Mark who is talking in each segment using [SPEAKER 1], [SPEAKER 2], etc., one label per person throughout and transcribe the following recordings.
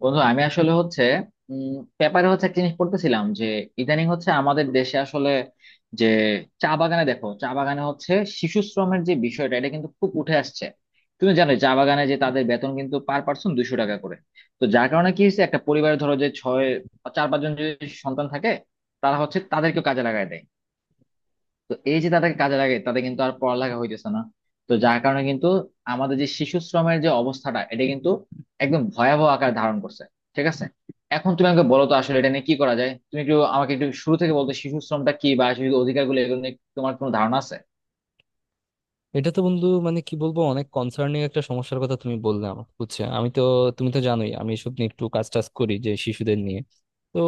[SPEAKER 1] বন্ধু, আমি আসলে হচ্ছে উম পেপারে হচ্ছে একটা জিনিস পড়তেছিলাম যে ইদানিং হচ্ছে আমাদের দেশে আসলে যে চা বাগানে, দেখো চা বাগানে হচ্ছে শিশু শ্রমের যে বিষয়টা এটা কিন্তু খুব উঠে আসছে। তুমি জানো, চা বাগানে যে তাদের বেতন কিন্তু পার পার্সন 200 টাকা করে। তো যার কারণে কি হচ্ছে, একটা পরিবারে ধরো যে চার পাঁচজন যদি সন্তান থাকে, তারা হচ্ছে তাদেরকেও কাজে লাগায় দেয়। তো এই যে তাদেরকে কাজে লাগে তাদের কিন্তু আর পড়ালেখা হইতেছে না। তো যার কারণে কিন্তু আমাদের যে শিশু শ্রমের যে অবস্থাটা এটা কিন্তু একদম ভয়াবহ আকার ধারণ করছে। ঠিক আছে, এখন তুমি আমাকে বলো তো আসলে এটা নিয়ে কি করা যায়? তুমি একটু আমাকে একটু শুরু থেকে বলতো, শিশু শ্রমটা কি বা শিশু অধিকারগুলো এগুলো নিয়ে তোমার কোনো ধারণা আছে?
[SPEAKER 2] এটা তো বন্ধু মানে কি বলবো, অনেক কনসার্নিং একটা সমস্যার কথা তুমি বললে আমাকে, বুঝছো? আমি তো তুমি তো জানোই আমি এসব নিয়ে একটু কাজ টাজ করি, যে শিশুদের নিয়ে। তো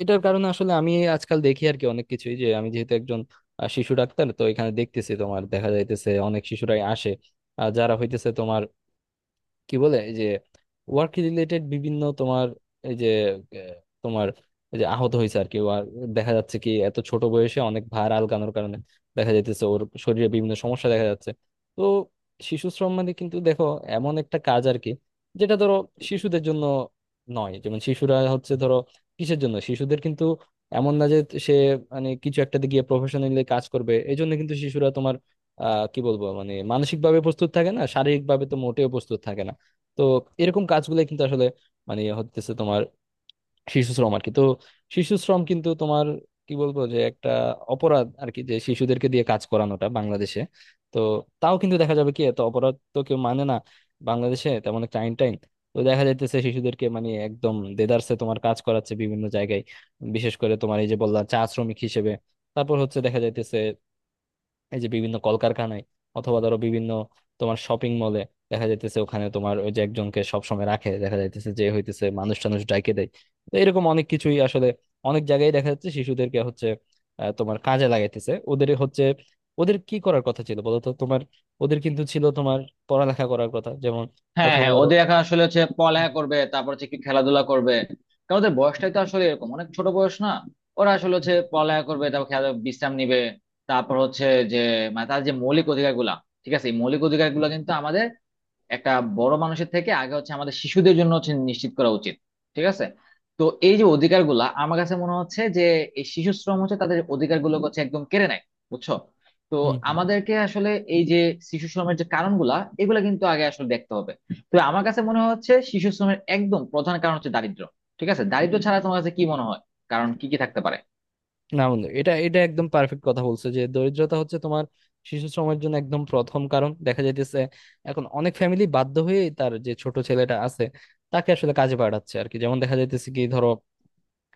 [SPEAKER 2] এটার কারণে আসলে আমি আজকাল দেখি আর কি অনেক কিছুই, যে আমি যেহেতু একজন শিশু ডাক্তার, তো এখানে দেখতেছি তোমার, দেখা যাইতেছে অনেক শিশুরাই আসে যারা হইতেছে তোমার কি বলে এই যে ওয়ার্ক রিলেটেড বিভিন্ন তোমার এই যে আহ, তোমার এই যে আহত হয়েছে আর কি। আর দেখা যাচ্ছে কি এত ছোট বয়সে অনেক ভার আলগানোর কারণে দেখা যাইতেছে ওর শরীরে বিভিন্ন সমস্যা দেখা যাচ্ছে। তো শিশু শ্রম মানে কিন্তু দেখো, এমন একটা কাজ আর কি, যেটা ধরো শিশুদের জন্য নয়। যেমন শিশুরা হচ্ছে ধরো কিসের জন্য শিশুদের কিন্তু এমন না যে সে মানে কিছু একটাতে গিয়ে প্রফেশনালি কাজ করবে, এই জন্য কিন্তু শিশুরা তোমার আহ কি বলবো মানে মানসিক ভাবে প্রস্তুত থাকে না, শারীরিক ভাবে তো মোটেও প্রস্তুত থাকে না। তো এরকম কাজগুলো কিন্তু আসলে মানে হতেছে তোমার শিশু শ্রম আর কি। তো শিশু শ্রম কিন্তু তোমার কি বলবো, যে একটা অপরাধ আর কি, যে শিশুদেরকে দিয়ে কাজ করানোটা বাংলাদেশে। তো তাও কিন্তু দেখা যাবে কি এত অপরাধ তো কেউ মানে না, বাংলাদেশে তেমন একটা আইন টাইন। তো দেখা যাইতেছে শিশুদেরকে মানে একদম দেদারসে তোমার কাজ করাচ্ছে বিভিন্ন জায়গায়। বিশেষ করে তোমার এই যে বললাম চা শ্রমিক হিসেবে, তারপর হচ্ছে দেখা যাইতেছে এই যে বিভিন্ন কলকারখানায়, অথবা ধরো বিভিন্ন তোমার শপিং মলে দেখা যাইতেছে ওখানে তোমার ওই যে একজনকে সবসময় রাখে, দেখা যাইতেছে যে হইতেছে মানুষ টানুষ ডাইকে দেয়। তো এরকম অনেক কিছুই আসলে অনেক জায়গায় দেখা যাচ্ছে শিশুদেরকে হচ্ছে তোমার কাজে লাগাইতেছে। ওদের হচ্ছে ওদের কি করার কথা ছিল বলতো তোমার? ওদের কিন্তু ছিল তোমার পড়ালেখা করার কথা, যেমন
[SPEAKER 1] হ্যাঁ
[SPEAKER 2] অথবা
[SPEAKER 1] হ্যাঁ,
[SPEAKER 2] ধরো।
[SPEAKER 1] ওদের এখন আসলে হচ্ছে
[SPEAKER 2] হুম।
[SPEAKER 1] পড়ালেখা করবে, তারপর হচ্ছে একটু খেলাধুলা করবে। কারণ ওদের বয়সটাই তো আসলে এরকম, অনেক ছোট বয়স না। ওরা আসলে
[SPEAKER 2] হুম
[SPEAKER 1] হচ্ছে পড়ালেখা করবে, তারপর খেলা, বিশ্রাম নিবে। তারপর হচ্ছে যে, মানে তার যে মৌলিক অধিকার গুলা, ঠিক আছে, এই মৌলিক অধিকার গুলা কিন্তু আমাদের একটা বড় মানুষের থেকে আগে হচ্ছে আমাদের শিশুদের জন্য হচ্ছে নিশ্চিত করা উচিত। ঠিক আছে, তো এই যে অধিকারগুলা আমার কাছে মনে হচ্ছে যে এই শিশু শ্রম হচ্ছে তাদের অধিকারগুলো হচ্ছে একদম কেড়ে নেয়, বুঝছো? তো
[SPEAKER 2] হুম, হুম, হুম।
[SPEAKER 1] আমাদেরকে আসলে এই যে শিশু শ্রমের যে কারণগুলা এগুলা কিন্তু আগে আসলে দেখতে হবে। তো আমার কাছে মনে হচ্ছে শিশু শ্রমের একদম প্রধান কারণ হচ্ছে দারিদ্র। ঠিক আছে, দারিদ্র ছাড়া তোমার কাছে কি মনে হয়, কারণ কি কি থাকতে পারে?
[SPEAKER 2] না বন্ধু, এটা এটা একদম পারফেক্ট কথা বলছো, যে দরিদ্রতা হচ্ছে তোমার শিশু শ্রমের জন্য একদম প্রথম কারণ দেখা যাইতেছে। এখন অনেক ফ্যামিলি বাধ্য হয়ে তার যে ছোট ছেলেটা আছে তাকে আসলে কাজে পাঠাচ্ছে আর কি। যেমন দেখা যাইতেছে কি ধরো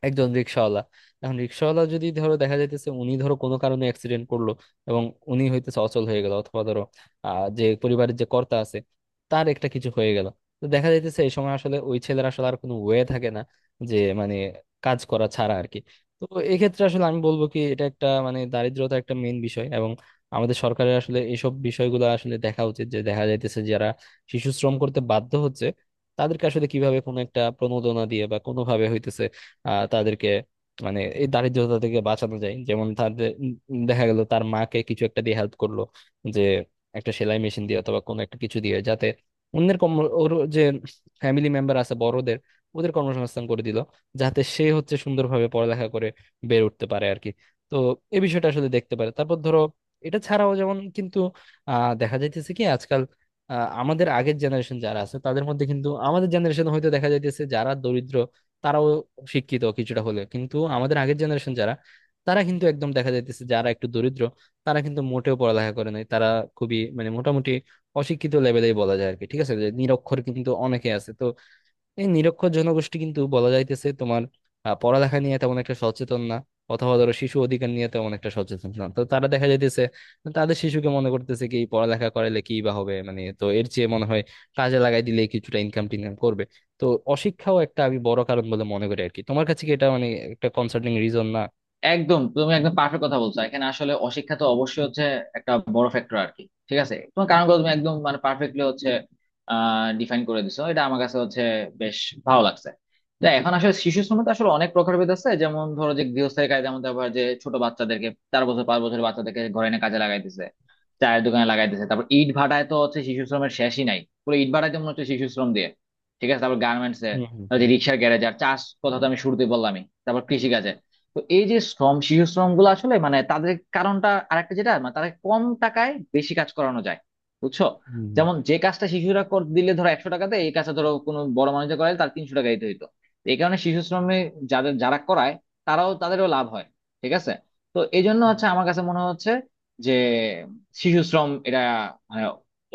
[SPEAKER 2] একজন রিক্সাওয়ালা, এখন রিক্সাওয়ালা যদি ধরো দেখা যাইতেছে উনি ধরো কোনো কারণে অ্যাক্সিডেন্ট করলো, এবং উনি হইতেছে অচল হয়ে গেল, অথবা ধরো আহ যে পরিবারের যে কর্তা আছে তার একটা কিছু হয়ে গেল। তো দেখা যাইতেছে এই সময় আসলে ওই ছেলের আসলে আর কোনো ওয়ে থাকে না, যে মানে কাজ করা ছাড়া আর কি। তো এক্ষেত্রে আসলে আমি বলবো কি এটা একটা মানে দারিদ্রতা একটা মেইন বিষয়। এবং আমাদের সরকারের আসলে এইসব বিষয়গুলো আসলে দেখা উচিত, যে দেখা যাইতেছে যারা শিশু শ্রম করতে বাধ্য হচ্ছে, তাদেরকে আসলে কিভাবে কোনো একটা প্রণোদনা দিয়ে বা কোনোভাবে হইতেছে তাদেরকে মানে এই দারিদ্রতা থেকে বাঁচানো যায়। যেমন তাদের দেখা গেল তার মাকে কিছু একটা দিয়ে হেল্প করলো, যে একটা সেলাই মেশিন দিয়ে অথবা কোনো একটা কিছু দিয়ে, যাতে অন্যের কর্ম ওর যে ফ্যামিলি মেম্বার আছে বড়দের ওদের কর্মসংস্থান করে দিল, যাতে সে হচ্ছে সুন্দরভাবে পড়ালেখা করে বের উঠতে পারে আর কি। তো এই বিষয়টা আসলে দেখতে পারে। তারপর ধরো এটা ছাড়াও, যেমন কিন্তু আহ দেখা যাইতেছে কি আজকাল আহ, আমাদের আগের জেনারেশন যারা আছে তাদের মধ্যে কিন্তু, আমাদের জেনারেশন হয়তো দেখা যাইতেছে যারা দরিদ্র তারাও শিক্ষিত কিছুটা হলেও, কিন্তু আমাদের আগের জেনারেশন যারা, তারা কিন্তু একদম দেখা যাইতেছে যারা একটু দরিদ্র, তারা কিন্তু মোটেও পড়ালেখা করে নাই। তারা খুবই মানে মোটামুটি অশিক্ষিত লেভেলেই বলা যায় আর কি, ঠিক আছে। যে নিরক্ষর কিন্তু অনেকে আছে তো, এই নিরক্ষর জনগোষ্ঠী কিন্তু বলা যাইতেছে তোমার পড়ালেখা নিয়ে তেমন একটা সচেতন না, অথবা ধরো শিশু অধিকার নিয়ে তেমন একটা সচেতন না। তো তারা দেখা যাইতেছে তাদের শিশুকে মনে করতেছে কি পড়ালেখা করাইলে কি বা হবে মানে, তো এর চেয়ে মনে হয় কাজে লাগাই দিলে কিছুটা ইনকাম টিনকাম করবে। তো অশিক্ষাও একটা আমি বড় কারণ বলে মনে করি আর কি। তোমার কাছে কি এটা মানে একটা কনসার্নিং রিজন না?
[SPEAKER 1] একদম, তুমি একদম পারফেক্ট কথা বলছো। এখানে আসলে অশিক্ষা তো অবশ্যই হচ্ছে একটা বড় ফ্যাক্টর আর কি। ঠিক আছে, তোমার কারণগুলো তুমি একদম মানে পারফেক্টলি হচ্ছে ডিফাইন করে দিছো, এটা আমার কাছে হচ্ছে বেশ ভালো লাগছে। তো এখন আসলে শিশু শ্রমে তো আসলে অনেক প্রকারভেদ আছে, যেমন ধরো যে গৃহস্থের কাজে, যেমন আবার যে ছোট বাচ্চাদেরকে 4 বছর 5 বছরের বাচ্চাদেরকে ঘরে এনে কাজে লাগাইতেছে, চায়ের দোকানে লাগাইতেছে, তারপর ইট ভাটায় তো হচ্ছে শিশু শ্রমের শেষই নাই, পুরো ইট ভাটায় তো মনে হচ্ছে শিশু শ্রম দিয়ে। ঠিক আছে, তারপর গার্মেন্টস এ,
[SPEAKER 2] হুম হুম
[SPEAKER 1] তারপর যে
[SPEAKER 2] হুম
[SPEAKER 1] রিক্সার গ্যারেজ, আর চাষ কথা তো আমি শুরুতেই বললামই, তারপর কৃষি। তো এই যে শ্রম শিশু শ্রম গুলো আসলে মানে তাদের কারণটা আরেকটা, যেটা মানে তারা কম টাকায় বেশি কাজ করানো যায়, বুঝছো?
[SPEAKER 2] হুম
[SPEAKER 1] যেমন যে কাজটা শিশুরা দিলে ধরো 100 টাকাতে, এই কাজটা ধরো কোনো বড় মানুষের করায় তার 300 টাকা দিতে হইতো। তো এই কারণে শিশু শ্রমে যাদের যারা করায় তারাও, তাদেরও লাভ হয়। ঠিক আছে, তো এই জন্য হচ্ছে আমার কাছে মনে হচ্ছে যে শিশু শ্রম এটা মানে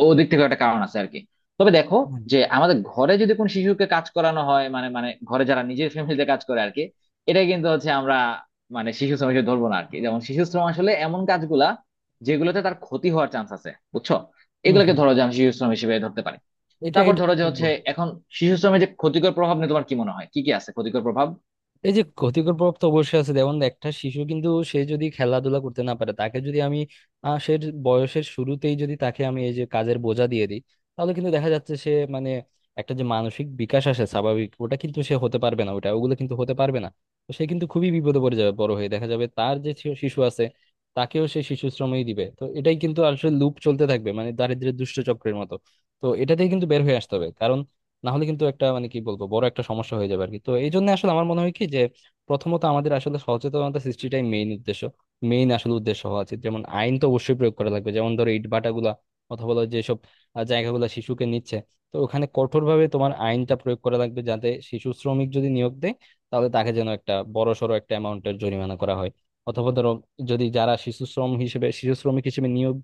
[SPEAKER 1] ওদিক থেকে একটা কারণ আছে আর কি। তবে দেখো,
[SPEAKER 2] হুম হুম
[SPEAKER 1] যে আমাদের ঘরে যদি কোনো শিশুকে কাজ করানো হয় মানে মানে ঘরে যারা নিজের ফ্যামিলিতে কাজ করে আর কি, এটা কিন্তু হচ্ছে আমরা মানে শিশু শ্রম হিসেবে ধরবো না আর কি। যেমন শিশু শ্রম আসলে এমন কাজগুলা যেগুলোতে তার ক্ষতি হওয়ার চান্স আছে, বুঝছো?
[SPEAKER 2] হুম।
[SPEAKER 1] এগুলোকে
[SPEAKER 2] হুম।
[SPEAKER 1] ধরো যে আমি শিশু শ্রম হিসেবে ধরতে পারি।
[SPEAKER 2] এটা
[SPEAKER 1] তারপর
[SPEAKER 2] এটা
[SPEAKER 1] ধরো যে হচ্ছে, এখন শিশু শ্রমের যে ক্ষতিকর প্রভাব নিয়ে তোমার কি মনে হয়, কি কি আছে ক্ষতিকর প্রভাব?
[SPEAKER 2] এই যে ক্ষতিকর প্রভাব তো অবশ্যই আছে। যেমন একটা শিশু কিন্তু সে যদি খেলাধুলা করতে না পারে, তাকে যদি আমি সে বয়সের শুরুতেই যদি তাকে আমি এই যে কাজের বোঝা দিয়ে দিই, তাহলে কিন্তু দেখা যাচ্ছে সে মানে একটা যে মানসিক বিকাশ আসে স্বাভাবিক ওটা কিন্তু সে হতে পারবে না, ওটা ওগুলো কিন্তু হতে পারবে না। তো সে কিন্তু খুবই বিপদে পড়ে যাবে, বড় হয়ে দেখা যাবে তার যে শিশু আছে তাকেও সে শিশু শ্রমেই দিবে। তো এটাই কিন্তু আসলে লুপ চলতে থাকবে, মানে দারিদ্র্যের দুষ্ট চক্রের মতো। তো এটাতেই কিন্তু বের হয়ে আসতে হবে, কারণ না হলে কিন্তু একটা মানে কি বলবো বড় একটা সমস্যা হয়ে যাবে আর কি। তো এই জন্য আসলে আমার মনে হয় কি যে প্রথমত আমাদের আসলে সচেতনতা সৃষ্টিটাই মেইন উদ্দেশ্য, মেইন আসলে উদ্দেশ্য হওয়া উচিত। যেমন আইন তো অবশ্যই প্রয়োগ করা লাগবে, যেমন ধরো ইট ভাটাগুলা অথবা হলো যেসব জায়গাগুলো শিশুকে নিচ্ছে, তো ওখানে কঠোরভাবে তোমার আইনটা প্রয়োগ করা লাগবে, যাতে শিশু শ্রমিক যদি নিয়োগ দেয় তাহলে তাকে যেন একটা বড় সড়ো একটা অ্যামাউন্টের জরিমানা করা হয়। অথবা ধরো যদি যারা শিশু শ্রম হিসেবে শিশু শ্রমিক হিসেবে নিয়োগ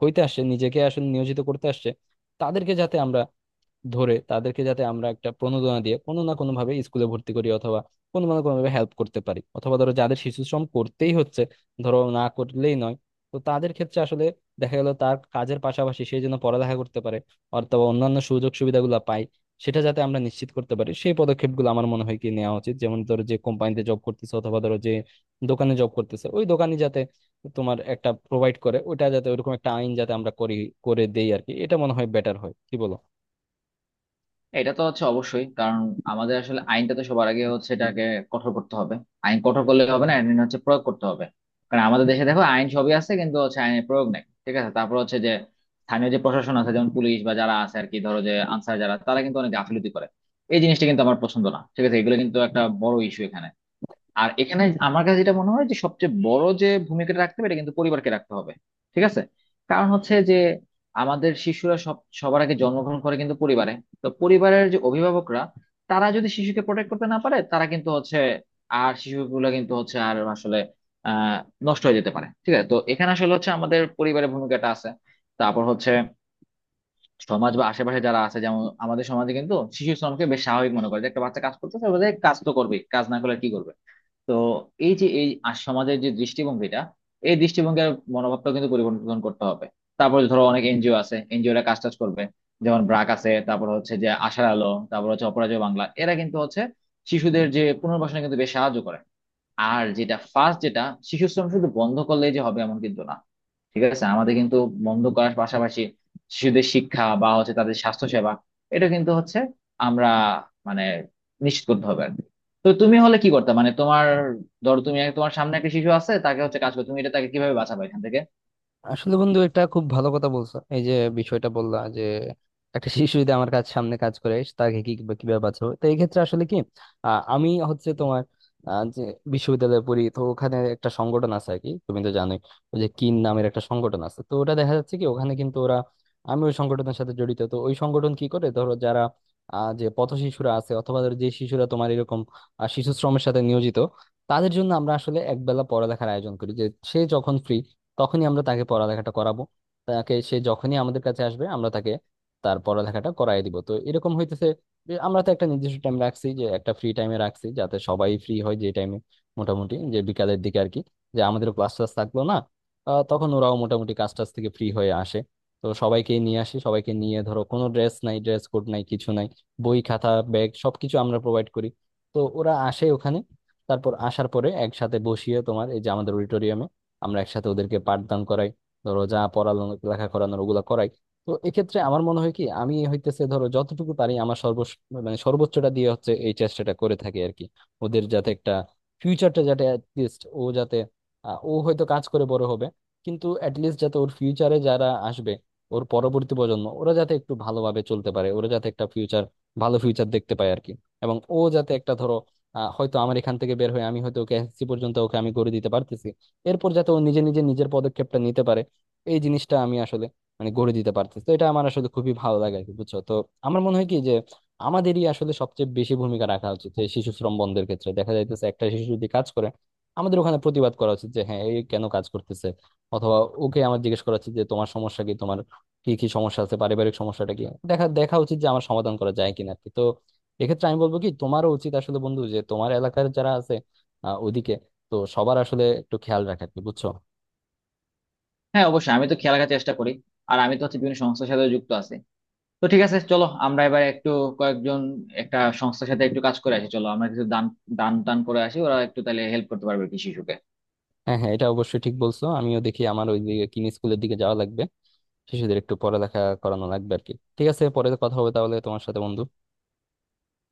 [SPEAKER 2] হইতে আসছে, নিজেকে আসলে নিয়োজিত করতে আসছে, তাদেরকে যাতে আমরা ধরে তাদেরকে যাতে আমরা একটা প্রণোদনা দিয়ে কোনো না কোনো ভাবে স্কুলে ভর্তি করি, অথবা কোনো না কোনো ভাবে হেল্প করতে পারি। অথবা ধরো যাদের শিশু শ্রম করতেই হচ্ছে, ধরো না করলেই নয়, তো তাদের ক্ষেত্রে আসলে দেখা গেল তার কাজের পাশাপাশি সে যেন পড়ালেখা করতে পারে, অথবা অন্যান্য সুযোগ সুবিধাগুলো পায়, সেটা যাতে আমরা নিশ্চিত করতে পারি সেই পদক্ষেপগুলো আমার মনে হয় কি নেওয়া উচিত। যেমন ধরো যে কোম্পানিতে জব করতেছে অথবা ধরো যে দোকানে জব করতেছে, ওই দোকানে যাতে তোমার একটা প্রোভাইড করে ওটা, যাতে ওরকম একটা আইন যাতে আমরা করি করে দেই আর কি। এটা মনে হয় বেটার হয়, কি বলো?
[SPEAKER 1] এটা তো হচ্ছে অবশ্যই কারণ আমাদের আসলে আইনটা তো সবার আগে হচ্ছে এটাকে কঠোর করতে হবে। আইন কঠোর করলে হবে না, আইন হচ্ছে প্রয়োগ করতে হবে। কারণ আমাদের দেশে দেখো আইন সবই আছে কিন্তু হচ্ছে আইনের প্রয়োগ নাই। ঠিক আছে, তারপর হচ্ছে যে স্থানীয় যে প্রশাসন আছে যেমন পুলিশ বা যারা আছে আর কি, ধরো যে আনসার, যারা তারা কিন্তু অনেক গাফিলতি করে। এই জিনিসটা কিন্তু আমার পছন্দ না। ঠিক আছে, এগুলো কিন্তু একটা বড় ইস্যু এখানে। আর এখানে আমার কাছে যেটা মনে হয় যে সবচেয়ে বড় যে ভূমিকাটা রাখতে হবে এটা কিন্তু পরিবারকে রাখতে হবে। ঠিক আছে, কারণ হচ্ছে যে আমাদের শিশুরা সবার আগে জন্মগ্রহণ করে কিন্তু পরিবারে। তো পরিবারের যে অভিভাবকরা তারা যদি শিশুকে প্রোটেক্ট করতে না পারে, তারা কিন্তু হচ্ছে, আর শিশুগুলো কিন্তু হচ্ছে আর আসলে আহ নষ্ট হয়ে যেতে পারে। ঠিক আছে, তো এখানে আসলে হচ্ছে আমাদের পরিবারের ভূমিকাটা আছে। তারপর হচ্ছে সমাজ বা আশেপাশে যারা আছে, যেমন আমাদের সমাজে কিন্তু শিশু শ্রমকে বেশ স্বাভাবিক মনে করে, যে একটা বাচ্চা কাজ করতেছে বলে, কাজ তো করবেই, কাজ না করলে আর কি করবে। তো এই যে এই সমাজের যে দৃষ্টিভঙ্গিটা, এই দৃষ্টিভঙ্গির মনোভাবটা কিন্তু পরিবর্তন করতে হবে। তারপর ধরো অনেক এনজিও আছে, এনজিওরা কাজ টাজ করবে, যেমন ব্রাক আছে, তারপর হচ্ছে যে আশার আলো, তারপর হচ্ছে অপরাজেয় বাংলা, এরা কিন্তু হচ্ছে শিশুদের যে পুনর্বাসনে কিন্তু বেশ সাহায্য করে। আর যেটা ফার্স্ট যেটা, শিশু শ্রম শুধু বন্ধ করলেই যে হবে এমন কিন্তু না। ঠিক আছে, আমাদের কিন্তু বন্ধ করার পাশাপাশি শিশুদের শিক্ষা বা হচ্ছে তাদের স্বাস্থ্য সেবা এটা কিন্তু হচ্ছে আমরা মানে নিশ্চিত করতে হবে আর কি। তো তুমি হলে কি করতে মানে তোমার, ধরো তুমি তোমার সামনে একটা শিশু আছে তাকে হচ্ছে কাজ করো, তুমি এটা তাকে কিভাবে বাঁচাবে এখান থেকে?
[SPEAKER 2] আসলে বন্ধু এটা খুব ভালো কথা বলছো এই যে বিষয়টা বললা, যে একটা শিশু যদি আমার কাজ সামনে কাজ করে তাকে কি কিভাবে কিভাবে বাঁচাবো। তো এই ক্ষেত্রে আসলে কি আমি হচ্ছে তোমার যে বিশ্ববিদ্যালয়ে পড়ি তো ওখানে একটা সংগঠন আছে আর কি, তুমি তো জানোই ওই যে কিন নামের একটা সংগঠন আছে। তো ওটা দেখা যাচ্ছে কি ওখানে কিন্তু ওরা, আমি ওই সংগঠনের সাথে জড়িত। তো ওই সংগঠন কি করে, ধরো যারা যে পথ শিশুরা আছে অথবা ধরো যে শিশুরা তোমার এরকম শিশু শ্রমের সাথে নিয়োজিত, তাদের জন্য আমরা আসলে একবেলা পড়ালেখার আয়োজন করি। যে সে যখন ফ্রি তখনই আমরা তাকে পড়ালেখাটা করাবো, তাকে সে যখনই আমাদের কাছে আসবে আমরা তাকে তার পড়ালেখাটা করায় দিব। তো এরকম হইতেছে যে আমরা তো একটা নির্দিষ্ট টাইম রাখছি, যে একটা ফ্রি টাইমে রাখছি যাতে সবাই ফ্রি হয় যে টাইমে, মোটামুটি যে বিকালের দিকে আর কি, যে আমাদের ক্লাস টাস থাকলো না তখন ওরাও মোটামুটি কাজ টাজ থেকে ফ্রি হয়ে আসে। তো সবাইকে নিয়ে আসি, সবাইকে নিয়ে ধরো কোনো ড্রেস নাই, ড্রেস কোড নাই কিছু নাই, বই খাতা ব্যাগ সবকিছু আমরা প্রোভাইড করি। তো ওরা আসে ওখানে, তারপর আসার পরে একসাথে বসিয়ে তোমার এই যে আমাদের আমরা একসাথে ওদেরকে পাঠদান করাই, ধরো যা পড়ানো লেখা করানোর ওগুলা করাই। তো এক্ষেত্রে আমার মনে হয় কি আমি হইতেছে ধরো যতটুকু পারি আমার সর্ব মানে সর্বোচ্চটা দিয়ে হচ্ছে এই চেষ্টাটা করে থাকি আর কি, ওদের যাতে একটা ফিউচারটা যাতে লিস্ট ও যাতে ও হয়তো কাজ করে বড় হবে, কিন্তু লিস্ট যাতে ওর ফিউচারে যারা আসবে ওর পরবর্তী প্রজন্ম ওরা যাতে একটু ভালোভাবে চলতে পারে, ওরা যাতে একটা ফিউচার ভালো ফিউচার দেখতে পায় আর কি। এবং ও যাতে একটা ধরো হয়তো আমার এখান থেকে বের হয়ে আমি হয়তো ওকে এসএসসি পর্যন্ত ওকে আমি করে দিতে পারতেছি, এরপর যাতে ও নিজে নিজে নিজের পদক্ষেপটা নিতে পারে, এই জিনিসটা আমি আসলে মানে গড়ে দিতে পারতেছি। তো এটা আমার আসলে খুবই ভালো লাগে আর কি, বুঝছো? তো আমার মনে হয় কি যে আমাদেরই আসলে সবচেয়ে বেশি ভূমিকা রাখা উচিত এই শিশু শ্রম বন্ধের ক্ষেত্রে। দেখা যাইতেছে একটা শিশু যদি কাজ করে আমাদের ওখানে প্রতিবাদ করা উচিত, যে হ্যাঁ এই কেন কাজ করতেছে, অথবা ওকে আমার জিজ্ঞেস করা উচিত যে তোমার সমস্যা কি, তোমার কি কি সমস্যা আছে, পারিবারিক সমস্যাটা কি, দেখা দেখা উচিত যে আমার সমাধান করা যায় কিনা আর কি। তো এক্ষেত্রে আমি বলবো কি তোমারও উচিত আসলে বন্ধু যে তোমার এলাকার যারা আছে ওদিকে, তো সবার আসলে একটু খেয়াল রাখা আর কি, বুঝছো?
[SPEAKER 1] হ্যাঁ অবশ্যই, আমি তো খেয়াল রাখার চেষ্টা করি। আর আমি তো হচ্ছে বিভিন্ন সংস্থার সাথে যুক্ত আছি। তো ঠিক আছে, চলো আমরা এবার একটু কয়েকজন, একটা সংস্থার সাথে একটু কাজ করে আসি। চলো আমরা কিছু দান দান টান করে আসি, ওরা একটু তাহলে হেল্প করতে পারবে। কৃষি
[SPEAKER 2] হ্যাঁ হ্যাঁ, এটা অবশ্যই ঠিক বলছো। আমিও দেখি আমার ওই দিকে কিনি স্কুলের দিকে যাওয়া লাগবে, শিশুদের একটু পড়ালেখা করানো লাগবে আর কি। ঠিক আছে, পরে কথা হবে তাহলে তোমার সাথে বন্ধু।